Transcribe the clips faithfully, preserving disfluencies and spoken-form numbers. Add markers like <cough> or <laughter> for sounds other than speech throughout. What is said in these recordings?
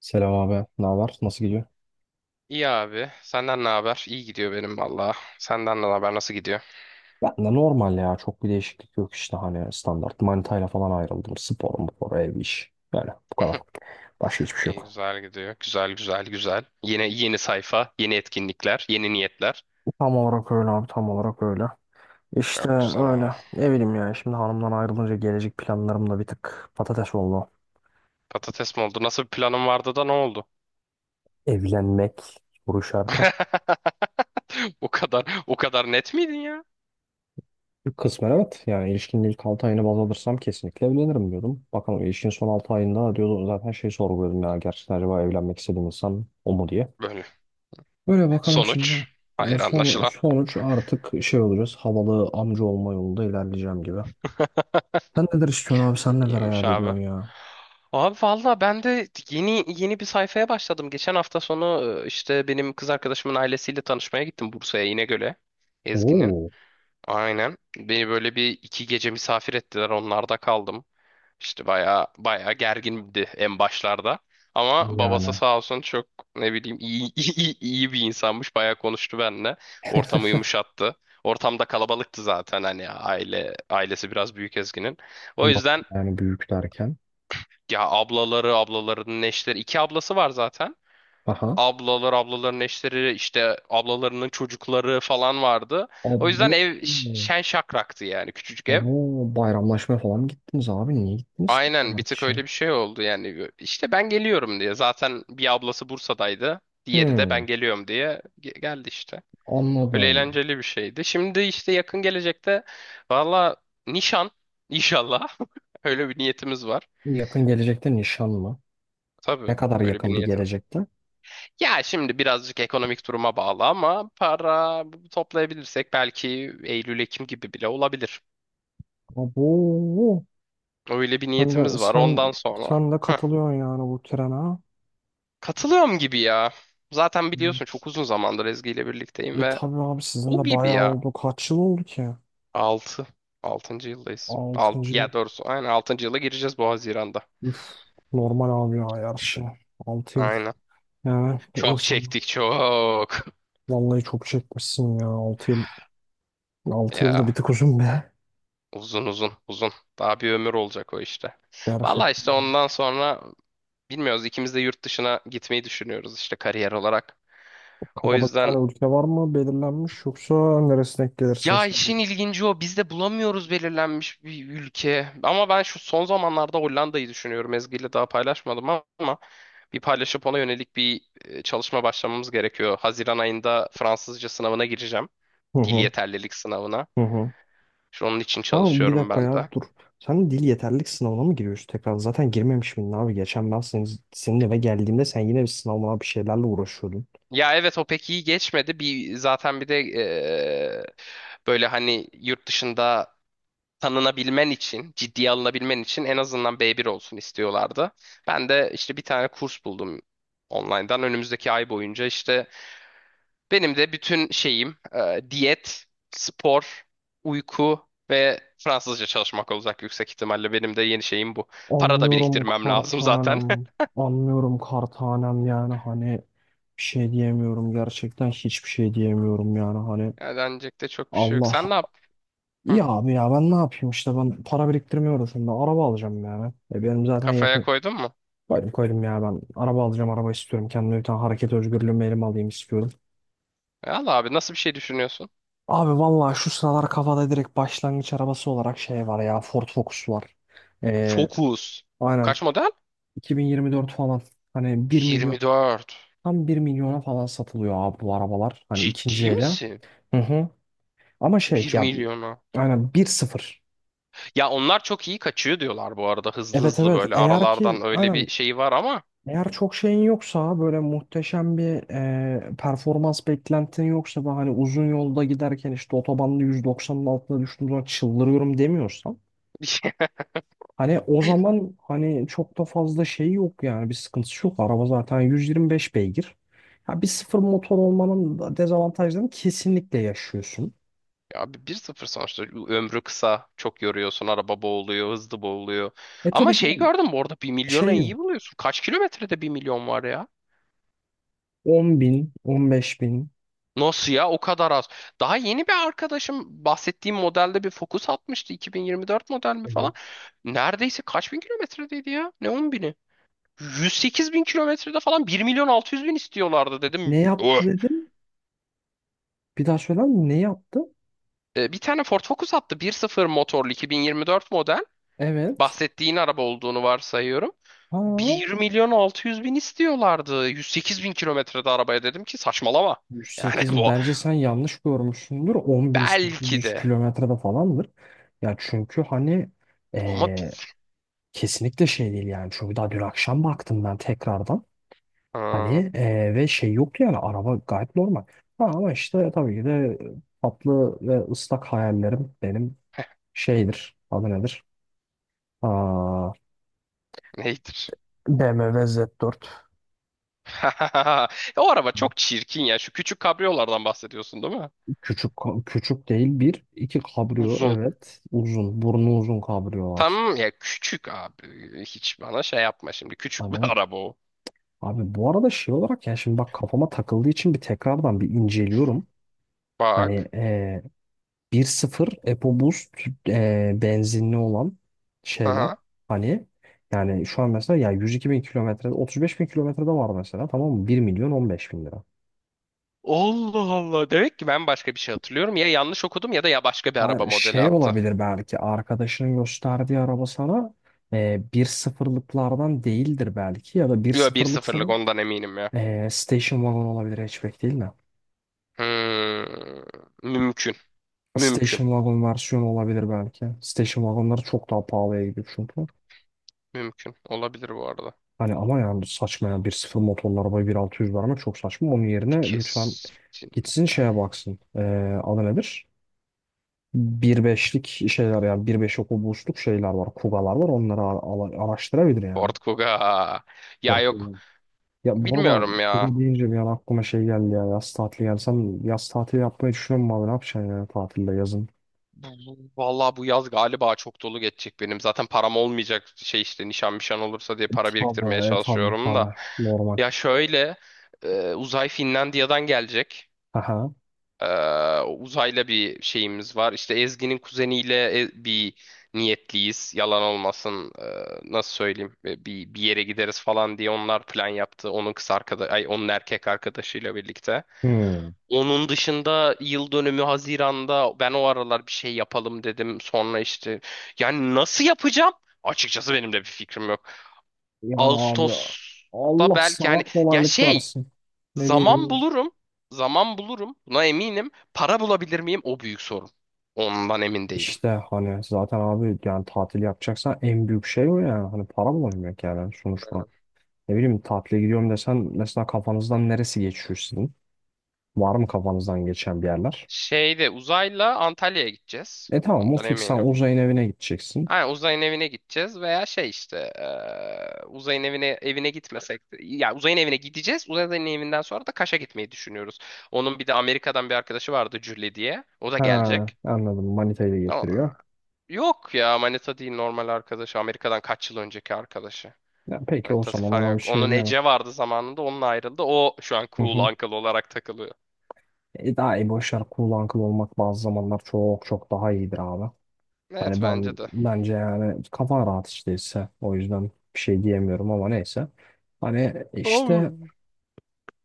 Selam abi. Ne var? Nasıl gidiyor? İyi abi. Senden ne haber? İyi gidiyor benim valla. Senden ne haber? Nasıl gidiyor? Ben de normal ya. Çok bir değişiklik yok işte hani standart. Manitayla falan ayrıldım. Spor, spor, ev, iş. Yani bu kadar. <laughs> Başka hiçbir şey İyi yok. güzel gidiyor. Güzel güzel güzel. Yeni yeni sayfa, yeni etkinlikler, yeni niyetler. Tam olarak öyle abi. Tam olarak öyle. İşte Çok güzel abi. öyle. Ne bileyim ya. Şimdi hanımdan ayrılınca gelecek planlarım da bir tık patates oldu. Patates mi oldu? Nasıl bir planın vardı da ne oldu? Evlenmek soru işareti. <laughs> O kadar o kadar net miydin ya? Kısmen evet. Yani ilişkinin ilk altı ayını baz alırsam kesinlikle evlenirim diyordum. Bakalım ilişkinin son altı ayında diyordu zaten şey sorguluyordum ya. Gerçekten acaba evlenmek istediğim insan o mu diye. Böyle. Böyle bakalım Sonuç. şimdi. E, Hayır son, anlaşılan. sonuç artık şey olacağız. Havalı amca olma yolunda ilerleyeceğim gibi. Sen neler istiyorsun abi? Sen neler İyiymiş hayal abi. ediyorsun ya? Abi valla ben de yeni yeni bir sayfaya başladım. Geçen hafta sonu e, işte benim kız arkadaşımın ailesiyle tanışmaya gittim Bursa'ya İnegöl'e. Ezgi'nin. Oo. Aynen. Beni böyle bir iki gece misafir ettiler. Onlarda kaldım. İşte bayağı bayağı gergindi en başlarda. Ama Yani babası sağ olsun çok ne bileyim iyi, <laughs> iyi, iyi bir insanmış. Bayağı konuştu benimle. Ortamı yumuşattı. Ortamda kalabalıktı zaten hani aile ailesi biraz büyük Ezgi'nin. O nasıl yüzden yani büyük derken? ya ablaları, ablalarının eşleri, iki ablası var zaten. Aha. Ablalar, ablaların eşleri, işte ablalarının çocukları falan vardı. Abo. O yüzden ev ş- şen şakraktı yani küçücük ev. Abo. Bayramlaşma falan mı gittiniz abi? Niye gittiniz ki bu Aynen bir kadar tık kişi? öyle bir şey oldu yani işte ben geliyorum diye zaten bir ablası Bursa'daydı diğeri de Hmm, ben geliyorum diye ge- geldi işte öyle anladım. eğlenceli bir şeydi. Şimdi işte yakın gelecekte valla nişan inşallah <laughs> öyle bir niyetimiz var. Yakın gelecekte nişan mı? Ne Tabii kadar öyle bir yakın bir niyetim. gelecekte? Ya şimdi birazcık ekonomik duruma bağlı ama para toplayabilirsek belki Eylül Ekim gibi bile olabilir. Abo. Öyle bir Sen de, niyetimiz var sen, ondan sonra. sen de <laughs> katılıyorsun yani bu trene ha? Katılıyorum gibi ya. Zaten biliyorsun çok uzun zamandır Ezgi ile birlikteyim E ve tabii abi sizin o de gibi bayağı ya. oldu. Kaç yıl oldu ki? Altı. altıncı yıldayız. Alt, altıncı yıl. ya doğrusu aynen altıncı yıla gireceğiz bu Haziran'da. Üf, normal abi ya her şey. altı yıl. Aynen. Yani bu Çok insan çektik çok. <laughs> vallahi çok çekmişsin ya altı yıl. Altı yıl da bir Ya tık uzun be. uzun uzun uzun. Daha bir ömür olacak o işte. Gerçek. Valla işte ondan sonra bilmiyoruz, ikimiz de yurt dışına gitmeyi düşünüyoruz işte kariyer olarak. O Kafada bir yüzden tane ülke var mı belirlenmiş yoksa neresine denk gelirse. ya işin sen- ilginci o. Biz de bulamıyoruz belirlenmiş bir ülke. Ama ben şu son zamanlarda Hollanda'yı düşünüyorum. Ezgi ile daha paylaşmadım ama bir paylaşıp ona yönelik bir e, çalışma başlamamız gerekiyor. Haziran ayında Fransızca sınavına gireceğim. Hı Dil hı. yeterlilik sınavına. Hı hı. Şu onun için Sen bir çalışıyorum dakika ben de. ya dur. Sen dil yeterlilik sınavına mı giriyorsun tekrar? Zaten girmemiş miydin abi? Geçen ben senin, senin eve geldiğimde sen yine bir sınavına bir şeylerle uğraşıyordun. Ya evet o pek iyi geçmedi. Bir zaten bir de e, böyle hani yurt dışında tanınabilmen için, ciddiye alınabilmen için en azından B bir olsun istiyorlardı. Ben de işte bir tane kurs buldum online'dan. Önümüzdeki ay boyunca işte benim de bütün şeyim e, diyet, spor, uyku ve Fransızca çalışmak olacak yüksek ihtimalle. Benim de yeni şeyim bu. Para da Anlıyorum biriktirmem lazım zaten. kartanem. <laughs> Anlıyorum kartanem yani hani bir şey diyemiyorum gerçekten hiçbir şey diyemiyorum yani hani. Yani denecek de çok bir şey yok. Allah Sen ne yap? Hı, ya abi ya ben ne yapayım işte, ben para biriktirmiyorum şimdi, araba alacağım yani. E benim zaten kafaya yakın. koydun mu? Koydum, koydum ya, ben araba alacağım, araba istiyorum kendime bir tane, hareket özgürlüğümü elime alayım istiyorum. E, al abi, nasıl bir şey düşünüyorsun? Abi vallahi şu sıralar kafada direkt başlangıç arabası olarak şey var ya, Ford Focus var. E, Focus. aynen Kaç model? iki bin yirmi dört falan, hani bir milyon. yirmi dört. Tam bir milyona falan satılıyor abi bu arabalar. Hani ikinci Ciddi ele. misin? Hı hı. Ama şey Bir ya, milyonu. aynen bir sıfır. Ya onlar çok iyi kaçıyor diyorlar bu arada. Hızlı Evet, hızlı evet, böyle eğer ki aralardan öyle aynen, bir şey var ama. eğer çok şeyin yoksa, böyle muhteşem bir e, performans beklentin yoksa ve hani uzun yolda giderken işte otobanda yüz doksanın altına düştüğüm zaman çıldırıyorum demiyorsan, <laughs> hani o zaman, hani çok da fazla şey yok yani, bir sıkıntısı yok. Araba zaten yüz yirmi beş beygir. Ya bir sıfır motor olmanın da dezavantajlarını kesinlikle yaşıyorsun. Abi bir sıfır sonuçta ömrü kısa. Çok yoruyorsun. Araba boğuluyor. Hızlı boğuluyor. E Ama Tabii şey, şey gördüm bu arada bir şey milyona yok. iyi buluyorsun. Kaç kilometrede bir milyon var ya? on bin, on beş bin. Nasıl ya? O kadar az. Daha yeni bir arkadaşım bahsettiğim modelde bir Focus atmıştı. iki bin yirmi dört model mi falan. Evet. Neredeyse kaç bin kilometredeydi ya? Ne on bini? yüz sekiz bin kilometrede falan bir milyon altı yüz bin istiyorlardı Ne dedim. yaptı dedin? Bir daha söyler misin? Ne yaptı? E, bir tane Ford Focus attı. Bir sıfır motorlu iki bin yirmi dört model. Evet. Bahsettiğin araba olduğunu varsayıyorum. Ha, Bir milyon altı yüz bin istiyorlardı. yüz sekiz bin kilometrede arabaya dedim ki saçmalama. Yani yüz sekiz <laughs> bin. bu Bence sen yanlış görmüşsündür. belki on bin sekiz yüz de kilometrede falandır. Ya çünkü hani ama bi- eee, kesinlikle şey değil yani. Çünkü daha dün akşam baktım ben tekrardan. Hani aa, eee, ve şey yoktu yani, araba gayet normal. Ha, ama işte tabii ki de, tatlı ve ıslak hayallerim benim şeydir. Adı nedir? Aa, neydir? B M W Z dört. <laughs> O araba çok çirkin ya. Şu küçük kabriyolardan bahsediyorsun değil mi? Küçük ka- küçük değil, bir iki kabrio, Uzun. evet, uzun burnu uzun kabriyolar. Tamam ya küçük abi. Hiç bana şey yapma şimdi. Küçük bir <laughs> Hani araba o. abi bu arada şey olarak, yani şimdi bak kafama takıldığı için bir tekrardan bir inceliyorum. Hani Bak. e, bir sıfır EcoBoost e, benzinli olan şeyler, <laughs> hani yani şu an mesela ya yüz iki bin kilometre, otuz beş bin kilometrede var mesela, tamam mı, bir milyon on beş bin lira. Allah Allah. Demek ki ben başka bir şey hatırlıyorum. Ya yanlış okudum ya da ya başka bir araba Hayır modeli şey attı. olabilir, belki arkadaşının gösterdiği araba sana e, bir sıfırlıklardan değildir, belki ya da bir Yo bir sıfırlıksa bir, 0lık ondan eminim ya. e, station wagon olabilir, hatchback değil mi? Hmm, mümkün. Mümkün. Station wagon versiyonu olabilir belki. Station wagonları çok daha pahalıya gidiyor çünkü. Mümkün. Olabilir bu arada. Hani ama yani saçma, yani bir sıfır motorlu arabaya bin altı yüz vermek çok saçma. Onun yerine lütfen gitsin Kesinlikle. şeye baksın. E, adı nedir? bir nokta beşlik şeyler yani, bir nokta beş oku boşluk şeyler var. Kugalar var, onları ara- ara- araştırabilir yani. Ford Kuga. Ya yok. Ya bu arada Bilmiyorum ya. Kuba deyince bir an aklıma şey geldi ya, yaz tatili geldi. Sen yaz tatili yapmayı düşünüyor musun abi? Ne yapacaksın yani tatilde yazın? Bu- bu- Vallahi bu yaz galiba çok dolu geçecek benim. Zaten param olmayacak, şey işte nişan nişan olursa diye para biriktirmeye Tabii, e, tabii, çalışıyorum da. tabii. Normal. Ya şöyle e, uzay Finlandiya'dan gelecek. Aha. Ee, uzayla bir şeyimiz var. İşte Ezgi'nin kuzeniyle e- bir niyetliyiz. Yalan olmasın. ee, nasıl söyleyeyim? Ee, bir bir yere gideriz falan diye onlar plan yaptı. Onun kız arkadaş, ay onun erkek arkadaşıyla birlikte. Hmm. Onun dışında yıl dönümü Haziran'da, ben o aralar bir şey yapalım dedim. Sonra işte yani nasıl yapacağım? Açıkçası benim de bir fikrim yok. Yani abi, Ağustos'ta Allah belki sana hani ya kolaylık şey. versin. Ne Zaman diyeyim ki? bulurum. Zaman bulurum. Buna eminim. Para bulabilir miyim? O büyük sorun. Ondan emin değilim. İşte hani zaten abi, yani tatil yapacaksan en büyük şey o yani. Hani para bulabilmek yani sonuçta. Aynen. Ne bileyim, tatile gidiyorum desen mesela, kafanızdan neresi geçiyor sizin? Var mı kafanızdan geçen bir yerler? Şeyde uzayla Antalya'ya gideceğiz. E tamam, o Ondan fix, sen eminim. uzayın evine gideceksin. Ha, uzayın evine gideceğiz veya şey işte eee, uzayın evine evine gitmesek de, ya uzayın evine gideceğiz. Uzayın evinden sonra da Kaş'a gitmeyi düşünüyoruz. Onun bir de Amerika'dan bir arkadaşı vardı Julie diye. O da Ha, gelecek. anladım. Manitayı da Ama- getiriyor. yok ya, Manita değil, normal arkadaşı. Amerika'dan kaç yıl önceki arkadaşı. Ya, peki o Manitası zaman falan ona bir yok. şey Onun diyemem. Ece vardı zamanında, onun ayrıldı. O şu an Hı cool hı. uncle olarak takılıyor. E, daha iyi, boşver, cool uncle olmak bazı zamanlar çok çok daha iyidir abi. Evet Hani bence ben de. bence yani, kafan rahat işteyse o yüzden bir şey diyemiyorum, ama neyse. Hani işte Oğlum.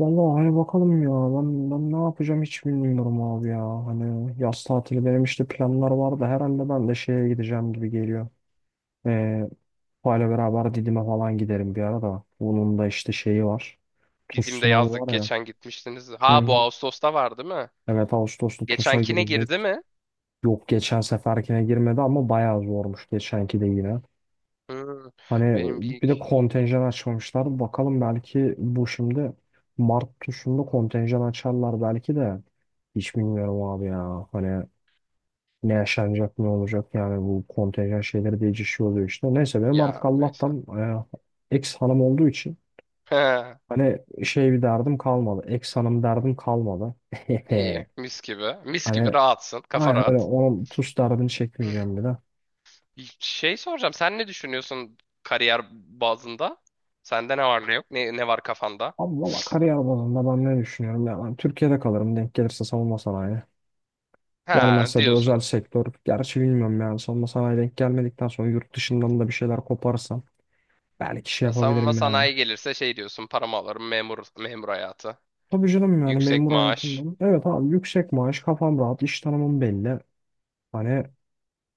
vallahi hani bakalım ya, ben, ben ne yapacağım hiç bilmiyorum abi ya. Hani yaz tatili benim, işte planlar vardı herhalde, ben de şeye gideceğim gibi geliyor. E, Tufayla beraber Didim'e falan giderim bir ara da. Bunun da işte şeyi var. TUS Didim'de sınavı yazdık var ya. geçen gitmiştiniz. Hı Ha, hı. bu Ağustos'ta var değil mi? Evet, Ağustos'ta TUS'a Geçenkine girdi girecek. mi? Yok, geçen seferkine girmedi ama bayağı zormuş geçenki de yine. Hmm, Hani benim bir bir de iki... kontenjan açmamışlar. Bakalım, belki bu şimdi Mart TUS'unda kontenjan açarlar belki de. Hiç bilmiyorum abi ya. Hani ne yaşanacak ne olacak yani, bu kontenjan şeyleri değişiyor oluyor işte. Neyse, benim artık Ya neyse. Allah'tan e, ex hanım olduğu için, <laughs> hani şey, bir derdim kalmadı. Ex hanım derdim kalmadı. <laughs> İyi mis gibi. Mis gibi Hani rahatsın. Kafa aynen öyle, rahat. onun tuz derdini çekmeyeceğim bir de. Şey soracağım, sen ne düşünüyorsun kariyer bazında? Sende ne var ne yok? Ne, ne var kafanda? Ama valla kariyer bazında ben ne düşünüyorum ya. Ben Türkiye'de kalırım, denk gelirse savunma sanayi. Ha Gelmezse de özel diyorsun. sektör. Gerçi bilmiyorum yani, savunma sanayi denk gelmedikten sonra yurt dışından da bir şeyler koparsam. Belki şey Ya savunma yapabilirim yani. sanayi gelirse şey diyorsun, paramı alırım, memur memur hayatı. Tabii canım, yani Yüksek memur maaş. hayatından. Evet abi, yüksek maaş, kafam rahat, iş tanımım belli. Hani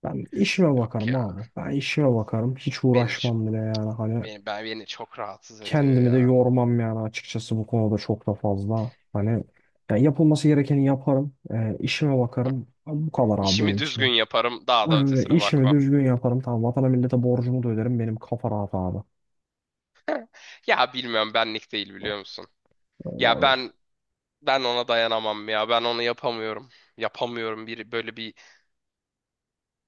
ben işime Yok bakarım ya. abi. Ben işime bakarım. Hiç Beni şu- uğraşmam bile yani. Hani beni ben beni çok rahatsız ediyor kendimi de ya. yormam yani, açıkçası bu konuda çok da fazla. Hani, ya, yapılması gerekeni yaparım. E, işime bakarım. Bu kadar abi İşimi benim için düzgün ya. yaparım. Daha da E, ötesine işimi bakmam. düzgün yaparım. Tamam, vatana millete borcumu da öderim. Benim kafa rahat abi. Ya bilmiyorum, benlik değil biliyor musun? Öyle Ya abi. ben ben ona dayanamam ya. Ben onu yapamıyorum. Yapamıyorum. Bir böyle bir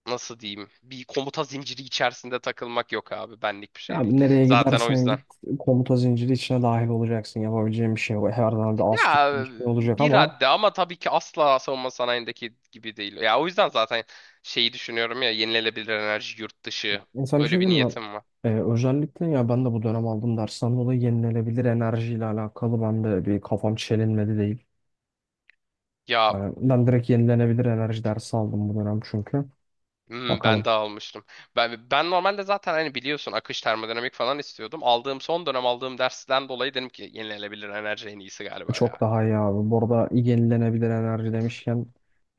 nasıl diyeyim? Bir komuta zinciri içerisinde takılmak yok abi. Benlik bir şey Abi değil. nereye Zaten o gidersen yüzden git komuta zinciri içine dahil olacaksın. Yapabileceğin bir şey yok. Her zaman bir az tut ya bir şey olacak, bir ama haddi ama tabii ki asla savunma sanayindeki gibi değil. Ya o yüzden zaten şeyi düşünüyorum, ya yenilenebilir enerji yurt dışı, insan bir şey böyle bir değil mi? niyetim var. E, özellikle, ya ben de bu dönem aldım dersten dolayı yenilenebilir enerjiyle alakalı ben de bir kafam çelinmedi değil. Ya Yani ben direkt yenilenebilir enerji dersi aldım bu dönem çünkü. hmm, ben Bakalım. de almıştım. Ben, ben normalde zaten hani biliyorsun akış termodinamik falan istiyordum. Aldığım son dönem aldığım dersten dolayı dedim ki yenilenebilir enerji en iyisi galiba Çok ya. daha iyi abi. Bu arada yenilenebilir enerji demişken,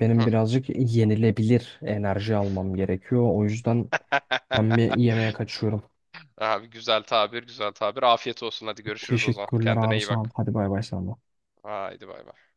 benim Hı. birazcık yenilebilir enerji almam gerekiyor. O yüzden ben bir <laughs> yemeğe kaçıyorum. Abi güzel tabir, güzel tabir. Afiyet olsun. Hadi görüşürüz o zaman. Teşekkürler Kendine abi, iyi sağ ol. bak. Hadi bay bay sana. Haydi bay bay.